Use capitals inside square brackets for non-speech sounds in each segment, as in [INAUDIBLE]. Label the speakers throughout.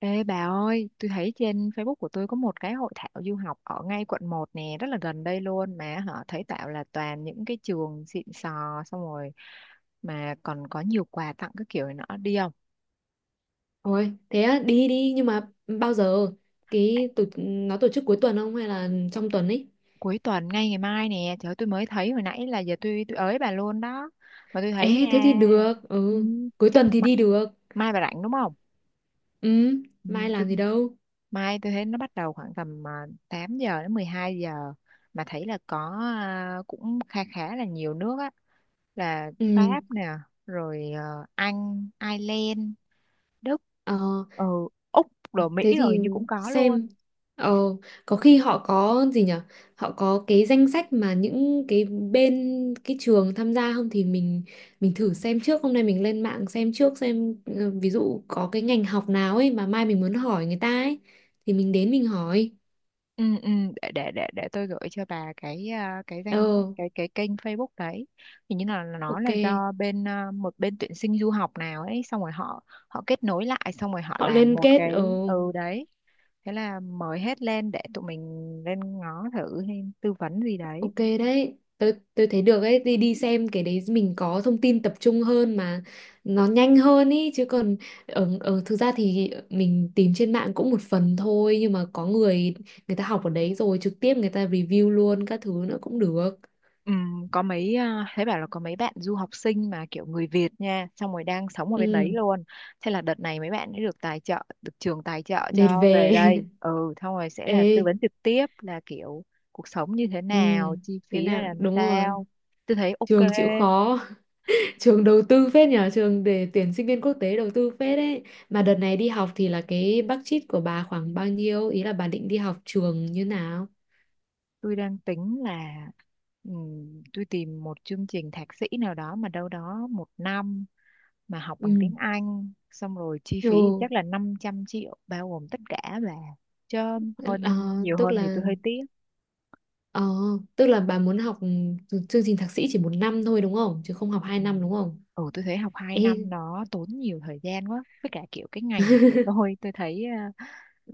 Speaker 1: Ê bà ơi, tôi thấy trên Facebook của tôi có một cái hội thảo du học ở ngay quận 1 nè, rất là gần đây luôn mà họ thấy tạo là toàn những cái trường xịn sò xong rồi mà còn có nhiều quà tặng các kiểu này nọ đi không?
Speaker 2: Ôi, thế á, đi đi nhưng mà bao giờ nó tổ chức cuối tuần không hay là trong tuần ấy?
Speaker 1: Cuối tuần ngay ngày mai nè, trời ơi, tôi mới thấy hồi nãy là giờ tôi ới bà luôn đó. Mà tôi thấy
Speaker 2: Ê thế thì
Speaker 1: nha.
Speaker 2: được,
Speaker 1: Ừ,
Speaker 2: ừ, cuối
Speaker 1: chắc
Speaker 2: tuần thì
Speaker 1: mai,
Speaker 2: đi được.
Speaker 1: mai bà rảnh đúng không?
Speaker 2: Ừ,
Speaker 1: Ừ,
Speaker 2: mai
Speaker 1: tôi
Speaker 2: làm gì đâu.
Speaker 1: Mai tôi thấy nó bắt đầu khoảng tầm 8 giờ đến 12 giờ, mà thấy là có cũng khá khá là nhiều nước á, là
Speaker 2: Ừ,
Speaker 1: Pháp nè, rồi Anh, Ireland, Đức,
Speaker 2: ờ,
Speaker 1: ừ, Úc, rồi Mỹ
Speaker 2: thế
Speaker 1: rồi
Speaker 2: thì
Speaker 1: như cũng có luôn.
Speaker 2: xem, ờ có khi họ có gì nhở. Họ có cái danh sách mà những cái bên cái trường tham gia không thì mình thử xem trước, hôm nay mình lên mạng xem trước xem, ví dụ có cái ngành học nào ấy mà mai mình muốn hỏi người ta ấy thì mình đến mình hỏi.
Speaker 1: Ừ, ừ, để tôi gửi cho bà cái cái
Speaker 2: ờ
Speaker 1: danh sách cái kênh Facebook đấy. Hình như là nó là
Speaker 2: ok.
Speaker 1: do bên một bên tuyển sinh du học nào ấy, xong rồi họ họ kết nối lại, xong rồi họ
Speaker 2: Họ
Speaker 1: làm
Speaker 2: liên
Speaker 1: một
Speaker 2: kết. Ờ
Speaker 1: cái ừ đấy. Thế là mời hết lên để tụi mình lên ngó thử hay tư vấn gì đấy.
Speaker 2: ok đấy, tôi thấy được ấy, đi đi xem cái đấy mình có thông tin tập trung hơn mà nó nhanh hơn ý. Chứ còn ở ở thực ra thì mình tìm trên mạng cũng một phần thôi, nhưng mà có người người ta học ở đấy rồi trực tiếp người ta review luôn các thứ nữa cũng được.
Speaker 1: Có mấy thấy bảo là có mấy bạn du học sinh mà kiểu người Việt nha, xong rồi đang sống ở bên đấy
Speaker 2: Ừ,
Speaker 1: luôn. Thế là đợt này mấy bạn ấy được tài trợ, được trường tài trợ
Speaker 2: đệt,
Speaker 1: cho về
Speaker 2: về.
Speaker 1: đây. Ừ, xong rồi sẽ
Speaker 2: [LAUGHS]
Speaker 1: là tư
Speaker 2: Ê,
Speaker 1: vấn trực tiếp, là kiểu cuộc sống như thế
Speaker 2: ừ,
Speaker 1: nào, chi
Speaker 2: thế
Speaker 1: phí ra
Speaker 2: nào
Speaker 1: làm
Speaker 2: đúng rồi,
Speaker 1: sao. Tôi thấy
Speaker 2: trường
Speaker 1: ok,
Speaker 2: chịu khó. Trường đầu tư phết nhờ, trường để tuyển sinh viên quốc tế đầu tư phết đấy. Mà đợt này đi học thì là cái budget của bà khoảng bao nhiêu? Ý là bà định đi học trường như nào?
Speaker 1: tôi đang tính là tôi tìm một chương trình thạc sĩ nào đó mà đâu đó một năm, mà học bằng
Speaker 2: Ừ.
Speaker 1: tiếng Anh, xong rồi chi
Speaker 2: Ồ,
Speaker 1: phí thì chắc là 500 triệu bao gồm tất cả là, chứ
Speaker 2: ờ,
Speaker 1: hơn, nhiều
Speaker 2: tức
Speaker 1: hơn thì
Speaker 2: là
Speaker 1: tôi hơi tiếc.
Speaker 2: ờ, tức là bà muốn học chương trình thạc sĩ chỉ 1 năm thôi đúng không? Chứ không học hai
Speaker 1: Ừ.
Speaker 2: năm đúng không?
Speaker 1: Ừ tôi thấy học hai
Speaker 2: Ê,
Speaker 1: năm nó tốn nhiều thời gian quá, với cả kiểu cái ngành của
Speaker 2: [LAUGHS]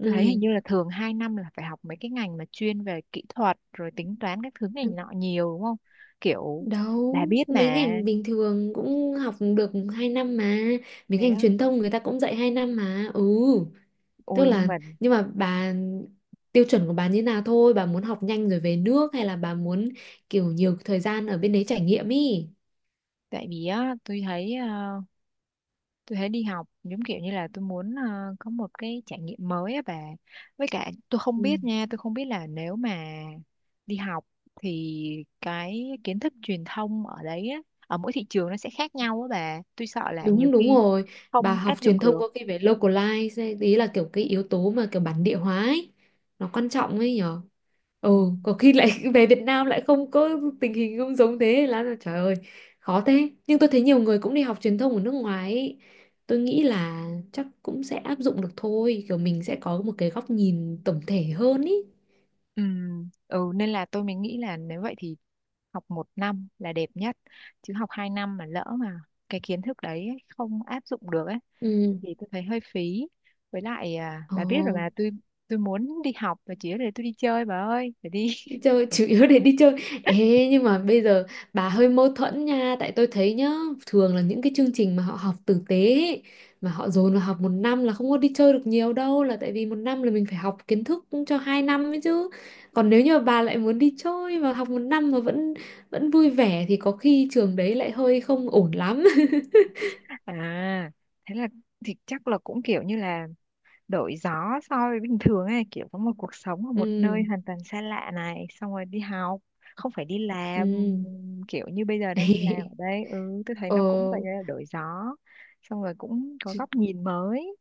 Speaker 1: tôi thấy hình như là thường 2 năm là phải học mấy cái ngành mà chuyên về kỹ thuật rồi tính toán các thứ này nọ nhiều đúng không, kiểu
Speaker 2: Đâu,
Speaker 1: bà biết
Speaker 2: mấy
Speaker 1: mà.
Speaker 2: ngành bình thường cũng học được 2 năm mà. Mấy
Speaker 1: Thế
Speaker 2: ngành
Speaker 1: á.
Speaker 2: truyền thông người ta cũng dạy 2 năm mà. Ừ. Tức
Speaker 1: Ôi nhưng
Speaker 2: là
Speaker 1: mà
Speaker 2: nhưng mà bà Tiêu chuẩn của bà như nào thôi, bà muốn học nhanh rồi về nước hay là bà muốn kiểu nhiều thời gian ở bên đấy trải nghiệm ý.
Speaker 1: tại vì á tôi thấy tôi thấy đi học giống kiểu như là tôi muốn có một cái trải nghiệm mới á bà, với cả tôi không
Speaker 2: Ừ.
Speaker 1: biết nha, tôi không biết là nếu mà đi học thì cái kiến thức truyền thông ở đấy á, ở mỗi thị trường nó sẽ khác nhau á bà, tôi sợ là nhiều
Speaker 2: Đúng đúng
Speaker 1: khi
Speaker 2: rồi, bà
Speaker 1: không
Speaker 2: học
Speaker 1: áp
Speaker 2: truyền
Speaker 1: dụng
Speaker 2: thông
Speaker 1: được.
Speaker 2: có cái về localize ấy, ý là kiểu cái yếu tố mà kiểu bản địa hóa ấy, nó quan trọng ấy nhỉ.
Speaker 1: Ừ.
Speaker 2: Ồ, có khi lại [LAUGHS] về Việt Nam lại không có, tình hình không giống, thế là trời ơi khó thế. Nhưng tôi thấy nhiều người cũng đi học truyền thông ở nước ngoài ấy. Tôi nghĩ là chắc cũng sẽ áp dụng được thôi, kiểu mình sẽ có một cái góc nhìn tổng thể hơn ý.
Speaker 1: Ừ. Ừ nên là tôi mới nghĩ là nếu vậy thì học một năm là đẹp nhất, chứ học 2 năm mà lỡ mà cái kiến thức đấy ấy không áp dụng được ấy
Speaker 2: Ừ.
Speaker 1: thì tôi thấy hơi phí. Với lại
Speaker 2: Ồ.
Speaker 1: bà biết rồi mà, tôi muốn đi học và chỉ để tôi đi chơi bà ơi, để đi.
Speaker 2: Đi chơi, chủ yếu để đi chơi. Ê, nhưng mà bây giờ bà hơi mâu thuẫn nha, tại tôi thấy nhá, thường là những cái chương trình mà họ học tử tế ấy, mà họ dồn vào học 1 năm là không có đi chơi được nhiều đâu, là tại vì 1 năm là mình phải học kiến thức cho 2 năm ấy chứ. Còn nếu như mà bà lại muốn đi chơi và học 1 năm mà vẫn vẫn vui vẻ thì có khi trường đấy lại hơi không ổn lắm.
Speaker 1: [LAUGHS] À thế là, thì chắc là cũng kiểu như là đổi gió so với bình thường ấy, kiểu có một cuộc sống ở
Speaker 2: [LAUGHS]
Speaker 1: một
Speaker 2: Ừ,
Speaker 1: nơi hoàn toàn xa lạ này, xong rồi đi học không phải đi
Speaker 2: ừ.
Speaker 1: làm, kiểu như bây giờ đang đi làm ở
Speaker 2: [LAUGHS]
Speaker 1: đây, ừ tôi thấy
Speaker 2: Ờ.
Speaker 1: nó cũng vậy là đổi gió, xong rồi cũng có góc nhìn mới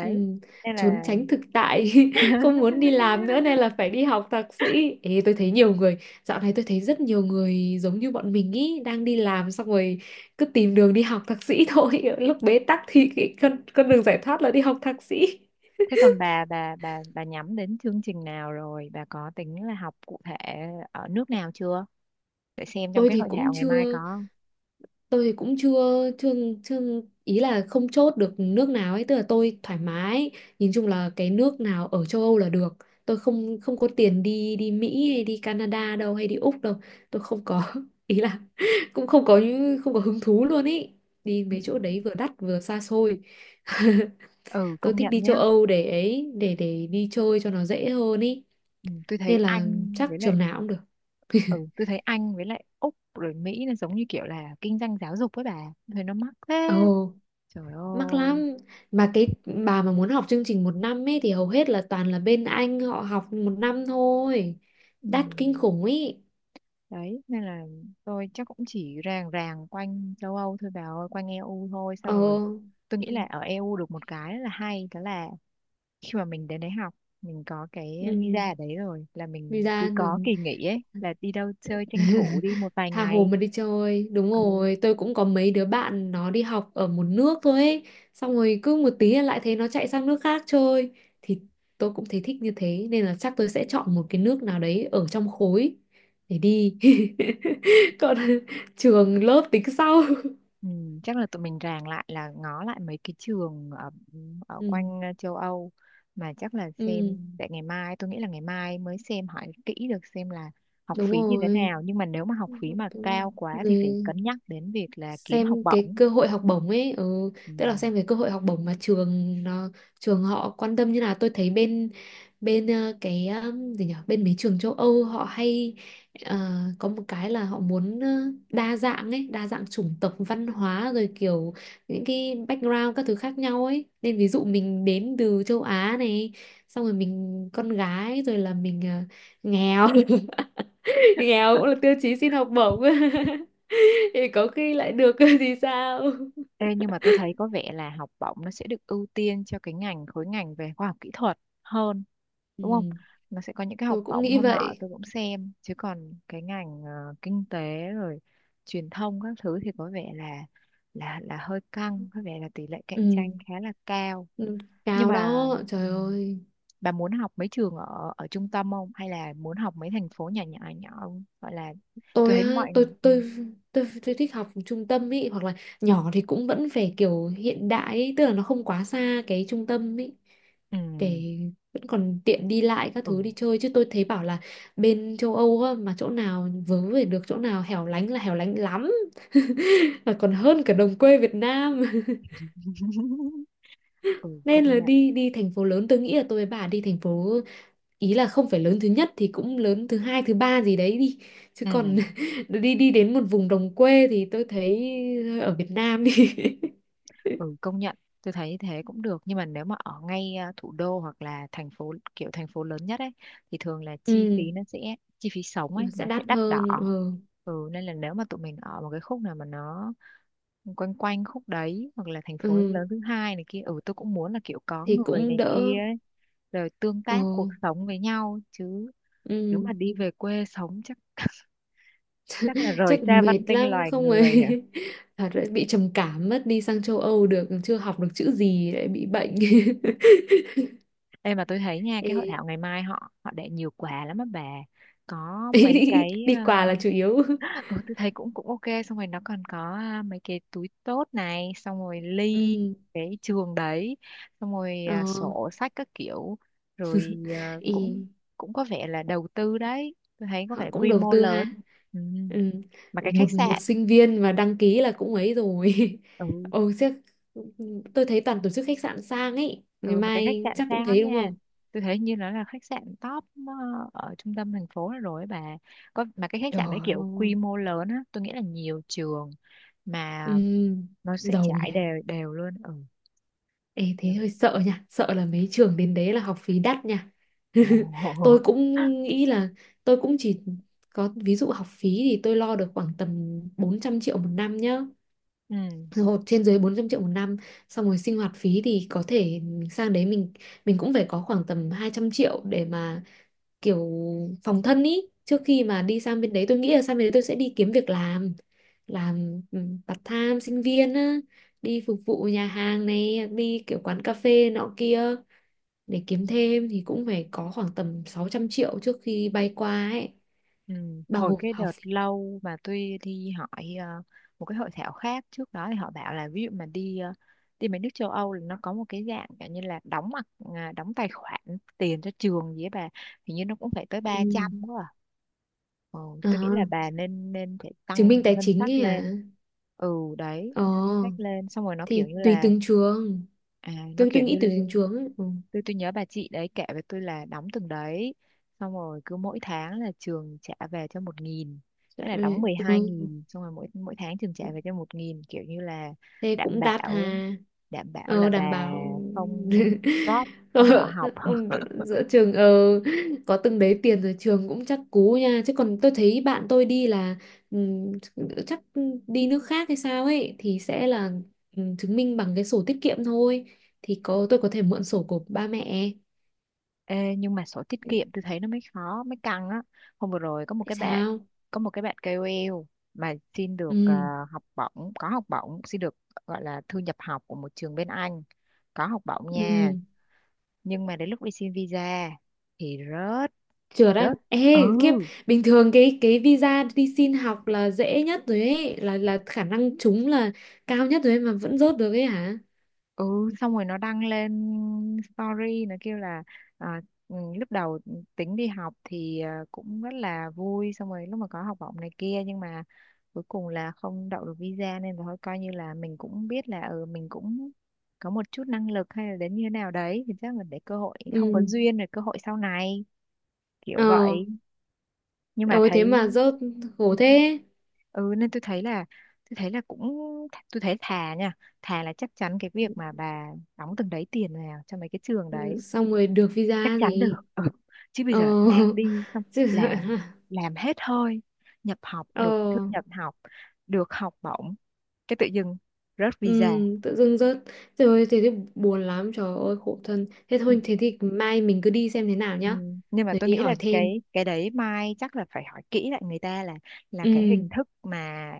Speaker 2: Ừ,
Speaker 1: nên
Speaker 2: trốn
Speaker 1: là.
Speaker 2: tránh thực tại [LAUGHS] không muốn đi làm nữa nên
Speaker 1: [LAUGHS]
Speaker 2: là phải đi học thạc sĩ. Ê, tôi thấy nhiều người dạo này, tôi thấy rất nhiều người giống như bọn mình ý, đang đi làm xong rồi cứ tìm đường đi học thạc sĩ thôi. [LAUGHS] Lúc bế tắc thì cái con đường giải thoát là đi học thạc sĩ.
Speaker 1: Thế còn bà nhắm đến chương trình nào rồi? Bà có tính là học cụ thể ở nước nào chưa? Để xem trong
Speaker 2: Tôi
Speaker 1: cái
Speaker 2: thì
Speaker 1: hội
Speaker 2: cũng
Speaker 1: thảo ngày mai
Speaker 2: chưa,
Speaker 1: có.
Speaker 2: tôi thì cũng chưa chưa chưa, ý là không chốt được nước nào ấy, tức là tôi thoải mái, nhìn chung là cái nước nào ở châu Âu là được. Tôi không không có tiền đi đi Mỹ hay đi Canada đâu, hay đi Úc đâu. Tôi không có [LAUGHS] ý là [LAUGHS] cũng không có, không có hứng thú luôn ý, đi
Speaker 1: Ừ,
Speaker 2: mấy chỗ đấy vừa đắt vừa xa xôi. [LAUGHS]
Speaker 1: ừ,
Speaker 2: Tôi
Speaker 1: công
Speaker 2: thích
Speaker 1: nhận
Speaker 2: đi
Speaker 1: nhá.
Speaker 2: châu Âu để ấy, để đi chơi cho nó dễ hơn ý.
Speaker 1: Ừ, tôi thấy
Speaker 2: Nên là
Speaker 1: Anh
Speaker 2: chắc
Speaker 1: với lại
Speaker 2: trường nào cũng được.
Speaker 1: Ừ, tôi thấy Anh với lại Úc rồi Mỹ là giống như kiểu là kinh doanh giáo dục với bà. Tôi thấy nó mắc thế.
Speaker 2: Ồ,
Speaker 1: Trời
Speaker 2: mắc lắm.
Speaker 1: ơi.
Speaker 2: Mà cái, bà mà muốn học chương trình 1 năm ấy thì hầu hết là toàn là bên Anh họ học 1 năm thôi,
Speaker 1: Ừ.
Speaker 2: đắt kinh khủng ấy.
Speaker 1: Đấy, nên là tôi chắc cũng chỉ ràng ràng quanh châu Âu thôi bà ơi, quanh EU thôi.
Speaker 2: Ờ.
Speaker 1: Xong rồi tôi nghĩ
Speaker 2: Ừ.
Speaker 1: là ở EU được một cái là hay, đó là khi mà mình đến đấy học, mình có cái
Speaker 2: Ừ,
Speaker 1: visa ở đấy rồi là mình cứ
Speaker 2: visa rồi.
Speaker 1: có kỳ nghỉ ấy là đi đâu chơi tranh thủ đi một
Speaker 2: [LAUGHS]
Speaker 1: vài
Speaker 2: Tha hồ
Speaker 1: ngày.
Speaker 2: mà đi chơi. Đúng
Speaker 1: Ừ.
Speaker 2: rồi, tôi cũng có mấy đứa bạn nó đi học ở một nước thôi ấy, xong rồi cứ một tí là lại thấy nó chạy sang nước khác chơi. Thì tôi cũng thấy thích như thế, nên là chắc tôi sẽ chọn một cái nước nào đấy ở trong khối để đi. [LAUGHS] Còn trường lớp tính sau. [LAUGHS]
Speaker 1: Ừ, chắc là tụi mình ràng lại là ngó lại mấy cái trường ở ở
Speaker 2: Ừ,
Speaker 1: quanh châu Âu, mà chắc là
Speaker 2: ừ
Speaker 1: xem để ngày mai, tôi nghĩ là ngày mai mới xem hỏi kỹ được, xem là học
Speaker 2: đúng
Speaker 1: phí như thế
Speaker 2: rồi.
Speaker 1: nào, nhưng mà nếu mà học phí mà cao quá thì phải
Speaker 2: Rồi
Speaker 1: cân nhắc đến việc là kiếm học
Speaker 2: xem cái
Speaker 1: bổng.
Speaker 2: cơ hội học bổng ấy, ừ,
Speaker 1: Ừ.
Speaker 2: tức là xem cái cơ hội học bổng mà trường nó, trường họ quan tâm như nào. Tôi thấy bên bên ờ, cái gì nhỉ bên mấy trường châu Âu họ hay, ờ, có một cái là họ muốn, đa dạng ấy, đa dạng chủng tộc văn hóa rồi kiểu những cái background các thứ khác nhau ấy, nên ví dụ mình đến từ châu Á này, xong rồi mình con gái rồi là mình, nghèo. [LAUGHS] Nghèo
Speaker 1: [LAUGHS]
Speaker 2: cũng là tiêu chí xin học bổng. [LAUGHS] Thì có khi lại được [LAUGHS] thì sao.
Speaker 1: Ê, nhưng mà tôi thấy có vẻ là học bổng nó sẽ được ưu tiên cho cái ngành, khối ngành về khoa học kỹ thuật hơn đúng không?
Speaker 2: Ừ,
Speaker 1: Nó sẽ có những cái học
Speaker 2: tôi cũng
Speaker 1: bổng
Speaker 2: nghĩ
Speaker 1: hôm nọ
Speaker 2: vậy.
Speaker 1: tôi cũng xem, chứ còn cái ngành kinh tế rồi truyền thông các thứ thì có vẻ là là hơi căng, có vẻ là tỷ lệ cạnh
Speaker 2: Ừ,
Speaker 1: tranh khá là cao.
Speaker 2: ừ,
Speaker 1: Nhưng
Speaker 2: cao
Speaker 1: mà
Speaker 2: đó,
Speaker 1: ừ,
Speaker 2: trời ơi.
Speaker 1: bà muốn học mấy trường ở ở trung tâm không hay là muốn học mấy thành phố nhỏ nhỏ nhỏ không? Gọi là tôi
Speaker 2: Tôi
Speaker 1: thấy
Speaker 2: á,
Speaker 1: mọi.
Speaker 2: tôi thích học trung tâm ý, hoặc là nhỏ thì cũng vẫn phải kiểu hiện đại ý, tức là nó không quá xa cái trung tâm ý,
Speaker 1: Ừ.
Speaker 2: để vẫn còn tiện đi lại các
Speaker 1: Ừ,
Speaker 2: thứ đi chơi. Chứ tôi thấy bảo là bên châu Âu á, mà chỗ nào vớ về được chỗ nào hẻo lánh là hẻo lánh lắm, [LAUGHS] là còn
Speaker 1: ừ.
Speaker 2: hơn cả đồng quê Việt Nam.
Speaker 1: [LAUGHS] Ừ công
Speaker 2: Nên là
Speaker 1: nhận.
Speaker 2: đi đi thành phố lớn, tôi nghĩ là tôi với bà đi thành phố, ý là không phải lớn thứ nhất thì cũng lớn thứ hai thứ ba gì đấy đi. Chứ còn
Speaker 1: Ừ,
Speaker 2: [LAUGHS] đi đi đến một vùng đồng quê thì tôi thấy ở Việt Nam đi.
Speaker 1: ừ
Speaker 2: [LAUGHS]
Speaker 1: công nhận, tôi thấy thế cũng được, nhưng mà nếu mà ở ngay thủ đô hoặc là thành phố kiểu thành phố lớn nhất ấy thì thường là chi
Speaker 2: Ừ,
Speaker 1: phí nó sẽ, chi phí sống ấy
Speaker 2: nó sẽ
Speaker 1: nó sẽ
Speaker 2: đắt
Speaker 1: đắt đỏ.
Speaker 2: hơn. Ừ,
Speaker 1: Ừ nên là nếu mà tụi mình ở một cái khúc nào mà nó quanh quanh khúc đấy, hoặc là thành phố
Speaker 2: ừ.
Speaker 1: lớn thứ hai này kia, ừ tôi cũng muốn là kiểu có
Speaker 2: Thì
Speaker 1: người
Speaker 2: cũng
Speaker 1: này
Speaker 2: đỡ.
Speaker 1: kia ấy, rồi tương
Speaker 2: Ừ.
Speaker 1: tác cuộc sống với nhau chứ. Nếu
Speaker 2: Ừ.
Speaker 1: mà đi về quê sống chắc [LAUGHS] chắc là rời
Speaker 2: Chắc
Speaker 1: xa văn
Speaker 2: mệt
Speaker 1: minh
Speaker 2: lắm
Speaker 1: loài
Speaker 2: không
Speaker 1: người.
Speaker 2: ấy. [LAUGHS] Thật đấy, bị trầm cảm mất, đi sang châu Âu được chưa học được chữ gì lại bị bệnh.
Speaker 1: Ê mà tôi thấy
Speaker 2: [LAUGHS]
Speaker 1: nha, cái hội
Speaker 2: Ê.
Speaker 1: thảo ngày mai họ họ để nhiều quà lắm á bà, có mấy
Speaker 2: [LAUGHS]
Speaker 1: cái
Speaker 2: Đi quà là chủ yếu.
Speaker 1: ờ, ừ tôi thấy cũng cũng ok, xong rồi nó còn có mấy cái túi tốt này, xong rồi ly
Speaker 2: Ừ.
Speaker 1: cái trường đấy, xong rồi
Speaker 2: Ờ.
Speaker 1: sổ sách các kiểu, rồi cũng
Speaker 2: Ý,
Speaker 1: cũng có vẻ là đầu tư đấy, tôi thấy có
Speaker 2: họ
Speaker 1: vẻ
Speaker 2: cũng
Speaker 1: quy
Speaker 2: đầu
Speaker 1: mô
Speaker 2: tư ha.
Speaker 1: lớn. Ừ.
Speaker 2: Ừ.
Speaker 1: Mà cái khách
Speaker 2: một một
Speaker 1: sạn,
Speaker 2: sinh viên mà đăng ký là cũng ấy rồi. [LAUGHS]
Speaker 1: ừ,
Speaker 2: Ồ chắc, tôi thấy toàn tổ chức khách sạn sang ấy, ngày
Speaker 1: ừ, mà cái khách
Speaker 2: mai
Speaker 1: sạn
Speaker 2: chắc cũng
Speaker 1: sang
Speaker 2: thế
Speaker 1: lắm
Speaker 2: đúng
Speaker 1: nha,
Speaker 2: không.
Speaker 1: tôi thấy như nó là khách sạn top ở trung tâm thành phố rồi ấy bà, có, mà cái khách
Speaker 2: Trời
Speaker 1: sạn đấy kiểu
Speaker 2: ơi.
Speaker 1: quy mô lớn á, tôi nghĩ là nhiều trường mà
Speaker 2: Ừ.
Speaker 1: nó sẽ
Speaker 2: Giàu nhỉ.
Speaker 1: trải đều đều luôn. Ừ.
Speaker 2: Ê, thế hơi sợ nha, sợ là mấy trường đến đấy là học phí đắt nha. [LAUGHS] Tôi
Speaker 1: Ồ.
Speaker 2: cũng
Speaker 1: [LAUGHS]
Speaker 2: nghĩ là tôi cũng chỉ có, ví dụ học phí thì tôi lo được khoảng tầm 400 triệu 1 năm nhá,
Speaker 1: Ừ.
Speaker 2: hộp trên dưới 400 triệu 1 năm. Xong rồi sinh hoạt phí thì có thể sang đấy mình cũng phải có khoảng tầm 200 triệu để mà kiểu phòng thân ý. Trước khi mà đi sang bên đấy, tôi nghĩ là sang bên đấy tôi sẽ đi kiếm việc làm, ừ, part time sinh viên á, đi phục vụ nhà hàng này, đi kiểu quán cà phê nọ kia để kiếm thêm, thì cũng phải có khoảng tầm 600 triệu trước khi bay qua ấy,
Speaker 1: Ừ.
Speaker 2: bao
Speaker 1: Hồi
Speaker 2: gồm
Speaker 1: cái
Speaker 2: học
Speaker 1: đợt
Speaker 2: phí.
Speaker 1: lâu mà tôi đi hỏi một cái hội thảo khác trước đó thì họ bảo là ví dụ mà đi đi mấy nước châu Âu là nó có một cái dạng kiểu như là đóng tài khoản tiền cho trường gì ấy bà, hình như nó cũng phải tới ba
Speaker 2: Ừ.
Speaker 1: trăm quá à. Ừ, tôi nghĩ là
Speaker 2: À,
Speaker 1: bà nên nên phải
Speaker 2: chứng minh
Speaker 1: tăng
Speaker 2: tài
Speaker 1: ngân
Speaker 2: chính
Speaker 1: sách
Speaker 2: ấy
Speaker 1: lên.
Speaker 2: à.
Speaker 1: Ừ, đấy
Speaker 2: Ờ
Speaker 1: nên ngân sách lên, xong rồi nó kiểu
Speaker 2: thì
Speaker 1: như
Speaker 2: tùy
Speaker 1: là
Speaker 2: từng trường,
Speaker 1: nó
Speaker 2: tôi
Speaker 1: kiểu
Speaker 2: tôi
Speaker 1: như
Speaker 2: nghĩ tùy từng trường ấy. Ừ.
Speaker 1: tôi nhớ bà chị đấy kể với tôi là đóng từng đấy, xong rồi cứ mỗi tháng là trường trả về cho một nghìn,
Speaker 2: Dạ,
Speaker 1: thế là đóng mười hai
Speaker 2: ừ.
Speaker 1: nghìn xong rồi mỗi mỗi tháng trường trả
Speaker 2: Ừ.
Speaker 1: về cho một nghìn, kiểu như là
Speaker 2: Thế
Speaker 1: đảm
Speaker 2: cũng đắt
Speaker 1: bảo,
Speaker 2: hà.
Speaker 1: đảm bảo là
Speaker 2: Ờ,
Speaker 1: bà
Speaker 2: đảm bảo.
Speaker 1: không
Speaker 2: [LAUGHS]
Speaker 1: drop,
Speaker 2: Ờ,
Speaker 1: không bỏ học.
Speaker 2: ông,
Speaker 1: [LAUGHS]
Speaker 2: giữa trường, ờ, có từng đấy tiền rồi trường cũng chắc cú nha. Chứ còn tôi thấy bạn tôi đi là, ừm, chắc đi nước khác hay sao ấy, thì sẽ là, chứng minh bằng cái sổ tiết kiệm thôi, thì có tôi có thể mượn sổ của ba mẹ.
Speaker 1: Ê, nhưng mà sổ tiết kiệm tôi thấy nó mới khó, mới căng á. Hôm vừa rồi
Speaker 2: Tại sao?
Speaker 1: có một cái bạn KOL mà xin được
Speaker 2: Ừ.
Speaker 1: học bổng, có học bổng, xin được, gọi là thư nhập học của một trường bên Anh, có học bổng nha,
Speaker 2: Ừ.
Speaker 1: nhưng mà đến lúc đi xin visa thì rớt
Speaker 2: Trượt á.
Speaker 1: rớt. Ừ.
Speaker 2: Ê, kiếp. Bình thường cái visa đi xin học là dễ nhất rồi ấy, là khả năng trúng là cao nhất rồi ấy, mà vẫn rớt được ấy hả?
Speaker 1: Ừ, xong rồi nó đăng lên story nó kêu là à, lúc đầu tính đi học thì cũng rất là vui, xong rồi lúc mà có học bổng này kia, nhưng mà cuối cùng là không đậu được visa nên là thôi, coi như là mình cũng biết là, ừ mình cũng có một chút năng lực hay là đến như thế nào đấy, thì chắc là để cơ hội, không có
Speaker 2: Ừ.
Speaker 1: duyên rồi, cơ hội sau này kiểu
Speaker 2: Ờ,
Speaker 1: vậy, nhưng mà
Speaker 2: ôi thế
Speaker 1: thấy.
Speaker 2: mà rớt, khổ thế.
Speaker 1: Ừ nên tôi thấy là cũng tôi thấy, thà nha, thà là chắc chắn cái việc mà bà đóng từng đấy tiền vào cho mấy cái trường đấy
Speaker 2: Xong rồi được
Speaker 1: chắc
Speaker 2: visa
Speaker 1: chắn được.
Speaker 2: gì?
Speaker 1: Ừ. Chứ bây
Speaker 2: Ờ.
Speaker 1: giờ mang đi xong
Speaker 2: [LAUGHS] Chứ-
Speaker 1: làm làm hết hơi, nhập học
Speaker 2: Ờ.
Speaker 1: được, thu nhập học được học bổng, cái tự dưng rớt
Speaker 2: Ừ,
Speaker 1: visa.
Speaker 2: tự dưng rớt. Rồi thế thì buồn lắm, trời ơi khổ thân. Thế
Speaker 1: Ừ.
Speaker 2: thôi, thế thì mai mình cứ đi xem thế nào
Speaker 1: Ừ.
Speaker 2: nhá.
Speaker 1: Nhưng mà
Speaker 2: Rồi
Speaker 1: tôi
Speaker 2: đi
Speaker 1: nghĩ là
Speaker 2: hỏi thêm.
Speaker 1: cái đấy mai chắc là phải hỏi kỹ lại người ta, là cái
Speaker 2: Ừ.
Speaker 1: hình thức mà,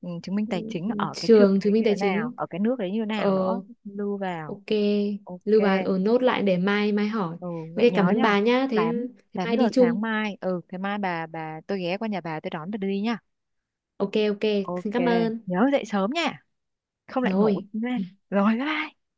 Speaker 1: ừ, chứng minh tài chính ở cái trường
Speaker 2: Trường
Speaker 1: đấy
Speaker 2: chứng
Speaker 1: như
Speaker 2: minh tài
Speaker 1: thế nào,
Speaker 2: chính.
Speaker 1: ở cái nước đấy như thế nào nữa,
Speaker 2: Ờ.
Speaker 1: lưu vào.
Speaker 2: Ok,
Speaker 1: Ok.
Speaker 2: lưu bà ở nốt lại để mai mai hỏi.
Speaker 1: Ừ,
Speaker 2: Ok,
Speaker 1: vậy
Speaker 2: cảm
Speaker 1: nhớ
Speaker 2: ơn
Speaker 1: nhá,
Speaker 2: bà nhá. Thế,
Speaker 1: 8
Speaker 2: thế
Speaker 1: 8
Speaker 2: mai
Speaker 1: giờ
Speaker 2: đi
Speaker 1: sáng
Speaker 2: chung.
Speaker 1: mai. Ừ, thế mai bà tôi ghé qua nhà bà tôi đón bà đi nha.
Speaker 2: Ok ok,
Speaker 1: Ok,
Speaker 2: xin cảm ơn.
Speaker 1: nhớ dậy sớm nha, không lại ngủ
Speaker 2: Rồi.
Speaker 1: lên. Rồi bye. Bye.